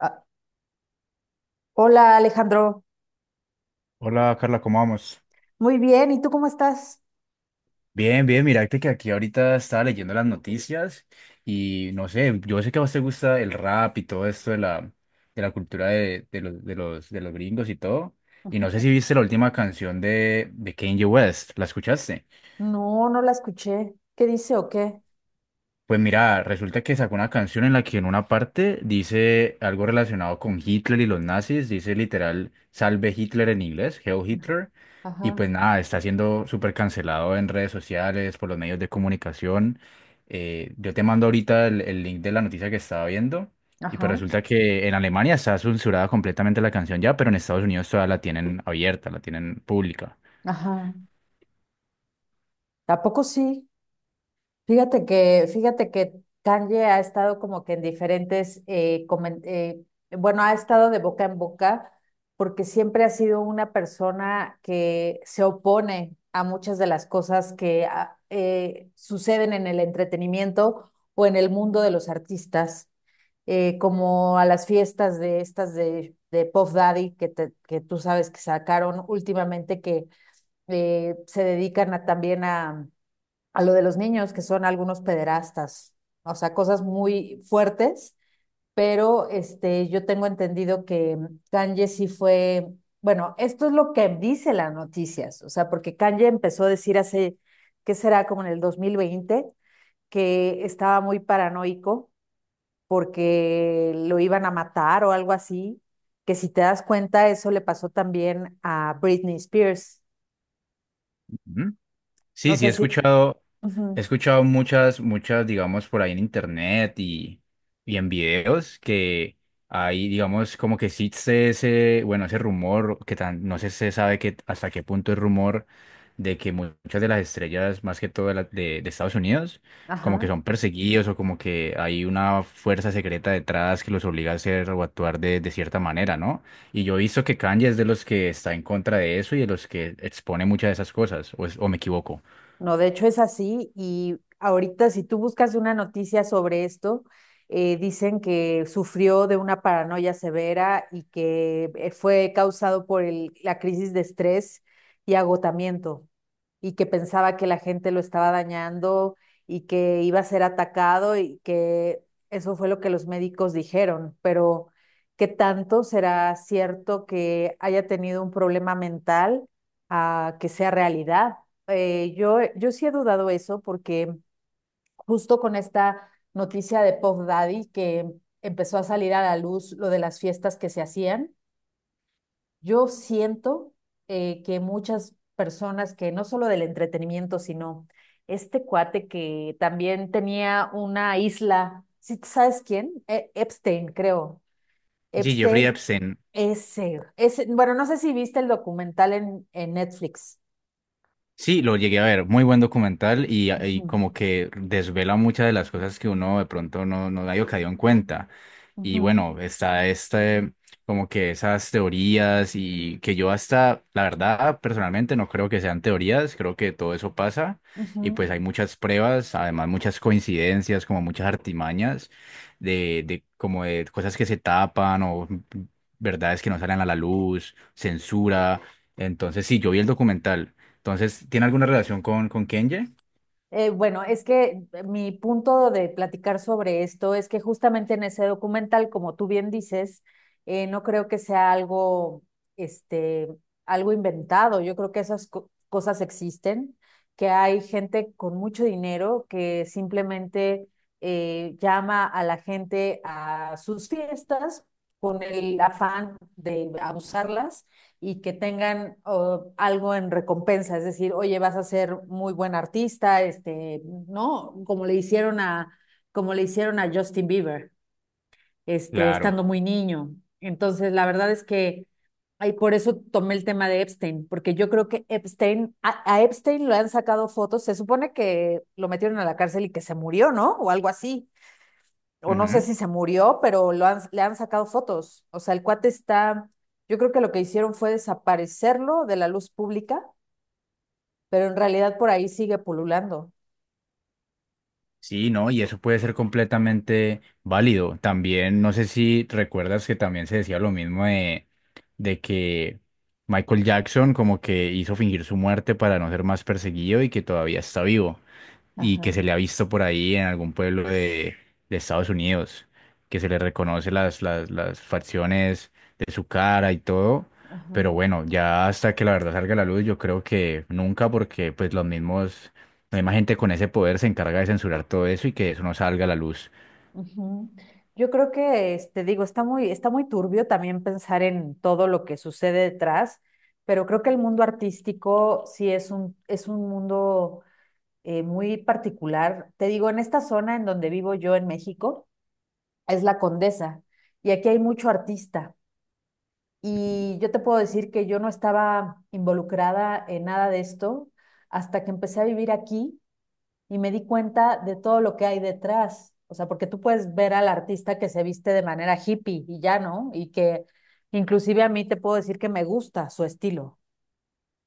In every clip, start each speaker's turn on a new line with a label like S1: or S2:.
S1: Ah, hola Alejandro,
S2: Hola Carla, ¿cómo vamos?
S1: muy bien, ¿y tú cómo estás?
S2: Bien, bien, mirate que aquí ahorita estaba leyendo las noticias y no sé, yo sé que a vos te gusta el rap y todo esto de la cultura de los gringos y todo. Y no sé si viste la última canción de Kanye West, ¿la escuchaste?
S1: No, no la escuché. ¿Qué dice o qué?
S2: Pues mira, resulta que sacó una canción en la que en una parte dice algo relacionado con Hitler y los nazis, dice literal Salve Hitler en inglés, hail Hitler, y
S1: Ajá,
S2: pues nada, está siendo súper cancelado en redes sociales, por los medios de comunicación. Yo te mando ahorita el link de la noticia que estaba viendo, y pues
S1: ajá,
S2: resulta que en Alemania está censurada completamente la canción ya, pero en Estados Unidos todavía la tienen abierta, la tienen pública.
S1: ajá. ¿A poco sí? Fíjate que Kanye ha estado como que en diferentes, bueno, ha estado de boca en boca porque siempre ha sido una persona que se opone a muchas de las cosas que suceden en el entretenimiento o en el mundo de los artistas, como a las fiestas de estas de Puff Daddy que, que tú sabes que sacaron últimamente que se dedican también a lo de los niños, que son algunos pederastas, o sea, cosas muy fuertes, pero este, yo tengo entendido que Kanye sí fue, bueno, esto es lo que dice las noticias, o sea, porque Kanye empezó a decir hace, ¿qué será? Como en el 2020, que estaba muy paranoico porque lo iban a matar o algo así, que si te das cuenta, eso le pasó también a Britney Spears.
S2: Ujú.
S1: No
S2: Sí, sí,
S1: sé si... Ujú,
S2: he escuchado muchas, digamos, por ahí en internet y en videos que hay, digamos, como que existe ese, bueno, ese rumor que tan, no sé se sabe que, hasta qué punto es rumor de que muchas de las estrellas, más que todo de, de de Estados Unidos, como que
S1: ajá.
S2: son perseguidos o como que hay una fuerza secreta detrás que los obliga a hacer o actuar de cierta manera, ¿no? Y yo he visto que Kanye es de los que está en contra de eso y de los que expone muchas de esas cosas, o, o me equivoco.
S1: No, de hecho es así y ahorita si tú buscas una noticia sobre esto, dicen que sufrió de una paranoia severa y que fue causado por la crisis de estrés y agotamiento y que pensaba que la gente lo estaba dañando y que iba a ser atacado y que eso fue lo que los médicos dijeron, pero ¿qué tanto será cierto que haya tenido un problema mental a que sea realidad? Yo sí he dudado eso porque justo con esta noticia de Puff Daddy que empezó a salir a la luz lo de las fiestas que se hacían, yo siento que muchas personas que no solo del entretenimiento, sino este cuate que también tenía una isla, ¿sí sabes quién? Epstein, creo.
S2: Sí, Jeffrey
S1: Epstein,
S2: Epstein.
S1: ese, bueno, no sé si viste el documental en Netflix.
S2: Sí, lo llegué a ver, muy buen documental
S1: Ujú,
S2: y como que desvela muchas de las cosas que uno de pronto no, no había caído en cuenta. Y
S1: ujú,
S2: bueno, está este, como que esas teorías y que yo hasta, la verdad, personalmente no creo que sean teorías, creo que todo eso pasa y
S1: ujú.
S2: pues hay muchas pruebas, además muchas coincidencias, como muchas artimañas de como de cosas que se tapan o verdades que no salen a la luz, censura. Entonces sí, yo vi el documental. Entonces, ¿tiene alguna relación con Kenye?
S1: Bueno, es que mi punto de platicar sobre esto es que justamente en ese documental, como tú bien dices, no creo que sea algo, este, algo inventado. Yo creo que esas cosas existen, que hay gente con mucho dinero que simplemente llama a la gente a sus fiestas con el afán de abusarlas y que tengan oh, algo en recompensa, es decir, oye, vas a ser muy buen artista, este, ¿no? Como le hicieron a Justin Bieber, este,
S2: Claro.
S1: estando muy niño. Entonces, la verdad es que, ay, por eso tomé el tema de Epstein, porque yo creo que a Epstein lo han sacado fotos, se supone que lo metieron a la cárcel y que se murió, ¿no? O algo así, o no sé
S2: Ujú.
S1: si se murió, pero le han sacado fotos. O sea, el cuate está, yo creo que lo que hicieron fue desaparecerlo de la luz pública, pero en realidad por ahí sigue pululando.
S2: Sí, no, y eso puede ser completamente válido. También, no sé si recuerdas que también se decía lo mismo de que Michael Jackson como que hizo fingir su muerte para no ser más perseguido y que todavía está vivo. Y que
S1: Ajá,
S2: se le ha visto por ahí en algún pueblo de Estados Unidos, que se le reconoce las facciones de su cara y todo,
S1: ajá,
S2: pero bueno, ya hasta que la verdad salga a la luz, yo creo que nunca, porque pues los mismos, la misma gente con ese poder se encarga de censurar todo eso y que eso no salga a la luz.
S1: ujú. Yo creo que, este, digo, está muy turbio también pensar en todo lo que sucede detrás, pero creo que el mundo artístico sí es es un mundo muy particular. Te digo, en esta zona en donde vivo yo en México, es la Condesa, y aquí hay mucho artista. Y yo te puedo decir que yo no estaba involucrada en nada de esto hasta que empecé a vivir aquí y me di cuenta de todo lo que hay detrás. O sea, porque tú puedes ver al artista que se viste de manera hippie y ya, ¿no? Y que inclusive a mí te puedo decir que me gusta su estilo,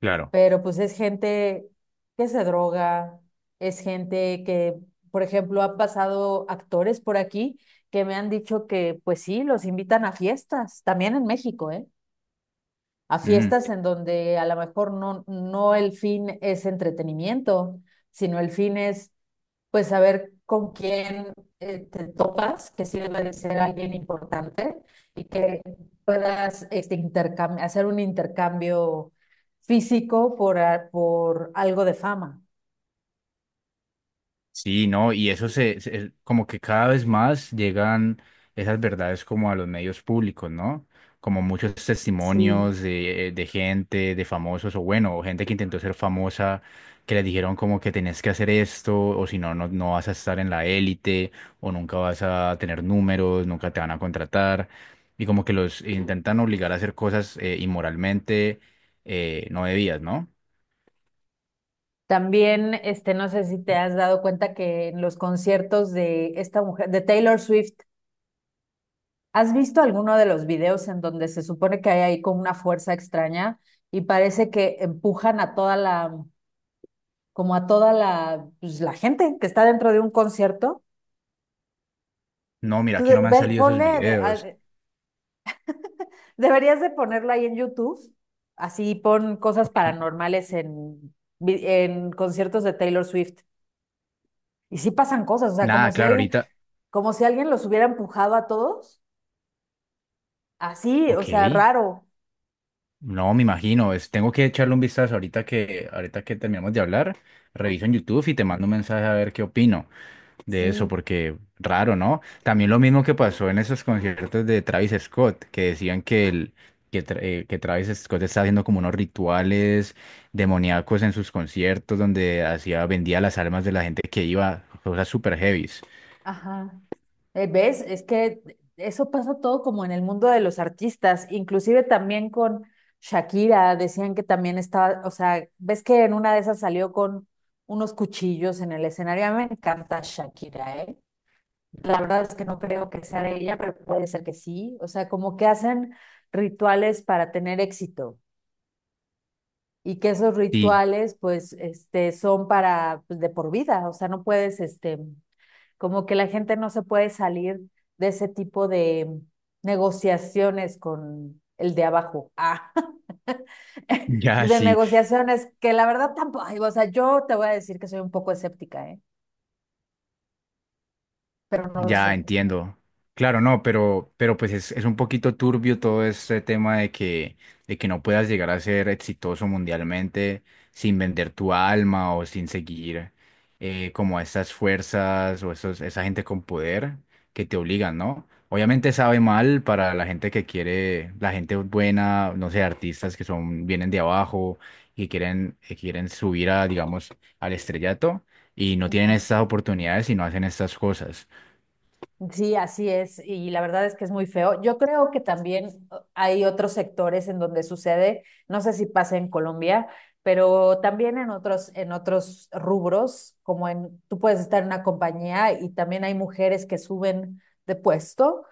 S2: Claro.
S1: pero pues es gente que se droga, es gente que, por ejemplo, han pasado actores por aquí que me han dicho que, pues sí, los invitan a fiestas, también en México, ¿eh? A fiestas en donde a lo mejor no, no el fin es entretenimiento, sino el fin es pues saber con quién te topas, que sí debe de ser alguien importante y que puedas este, hacer un intercambio físico por, por algo de fama.
S2: Sí, no, y eso como que cada vez más llegan esas verdades como a los medios públicos, ¿no? Como muchos
S1: Sí.
S2: testimonios de gente, de famosos, o bueno, o gente que intentó ser famosa, que les dijeron como que tenés que hacer esto, o si no, no, no vas a estar en la élite, o nunca vas a tener números, nunca te van a contratar, y como que los intentan obligar a hacer cosas inmoralmente no debidas, ¿no?
S1: También, este, no sé si te has dado cuenta que en los conciertos de esta mujer, de Taylor Swift, ¿has visto alguno de los videos en donde se supone que hay ahí como una fuerza extraña y parece que empujan a toda la, como a toda la, pues, la gente que está dentro de un concierto?
S2: No, mira
S1: Tú
S2: que no
S1: de-
S2: me han
S1: ve-
S2: salido esos
S1: ponle, de-
S2: videos.
S1: a- deberías de ponerlo ahí en YouTube, así pon cosas
S2: Ok.
S1: paranormales en, en conciertos de Taylor Swift. Y sí pasan cosas, o sea,
S2: Nada, claro, ahorita.
S1: como si alguien los hubiera empujado a todos, así, o
S2: Ok,
S1: sea, raro,
S2: no, me imagino, tengo que echarle un vistazo ahorita que terminamos de hablar, reviso en YouTube y te mando un mensaje a ver qué opino de eso,
S1: sí.
S2: porque raro, ¿no? También lo mismo que pasó en esos conciertos de Travis Scott, que decían que Travis Scott está haciendo como unos rituales demoníacos en sus conciertos, donde hacía, vendía las almas de la gente que iba, cosas super heavies.
S1: Ajá. ¿Ves? Es que eso pasa todo como en el mundo de los artistas, inclusive también con Shakira, decían que también estaba, o sea, ves que en una de esas salió con unos cuchillos en el escenario. A mí me encanta Shakira, ¿eh? La verdad es que no creo que sea de ella, pero puede ser que sí. O sea, como que hacen rituales para tener éxito y que esos
S2: Sí,
S1: rituales, pues, este, son para, pues, de por vida. O sea, no puedes, este, como que la gente no se puede salir de ese tipo de negociaciones con el de abajo. Ah,
S2: ya
S1: de
S2: sí.
S1: negociaciones que la verdad tampoco, ay, o sea, yo te voy a decir que soy un poco escéptica, ¿eh? Pero no lo
S2: Ya
S1: sé.
S2: entiendo. Claro, no, pero pues es un poquito turbio todo este tema de que no puedas llegar a ser exitoso mundialmente sin vender tu alma o sin seguir como a esas fuerzas o esos, esa gente con poder que te obligan, ¿no? Obviamente sabe mal para la gente que quiere, la gente buena, no sé, artistas que son, vienen de abajo y quieren, que quieren subir a, digamos, al estrellato y no tienen
S1: Ujú.
S2: estas oportunidades y no hacen estas cosas.
S1: Sí, así es, y la verdad es que es muy feo. Yo creo que también hay otros sectores en donde sucede, no sé si pasa en Colombia, pero también en otros rubros, como en, tú puedes estar en una compañía y también hay mujeres que suben de puesto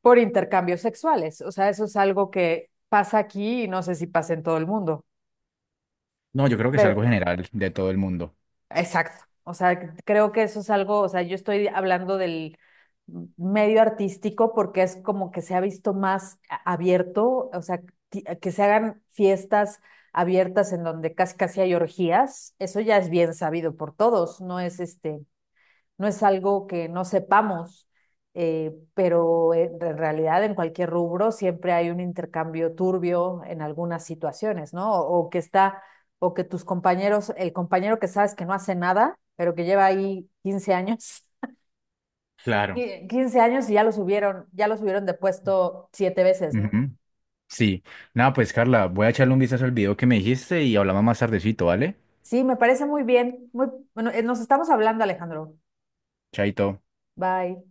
S1: por intercambios sexuales. O sea, eso es algo que pasa aquí y no sé si pasa en todo el mundo.
S2: No, yo creo que es algo
S1: Pero
S2: general de todo el mundo.
S1: exacto. O sea, creo que eso es algo, o sea, yo estoy hablando del medio artístico porque es como que se ha visto más abierto, o sea, que se hagan fiestas abiertas en donde casi casi hay orgías, eso ya es bien sabido por todos, no es este, no es algo que no sepamos, pero en realidad en cualquier rubro siempre hay un intercambio turbio en algunas situaciones, ¿no? O que está, o que tus compañeros, el compañero que sabes que no hace nada, pero que lleva ahí 15 años,
S2: Claro.
S1: 15 años y ya lo subieron de puesto 7 veces, ¿no?
S2: Ujú. Sí. Nada, pues Carla, voy a echarle un vistazo al video que me dijiste y hablamos más tardecito, ¿vale?
S1: Sí, me parece muy bien. Muy, bueno, nos estamos hablando, Alejandro.
S2: Chaito.
S1: Bye.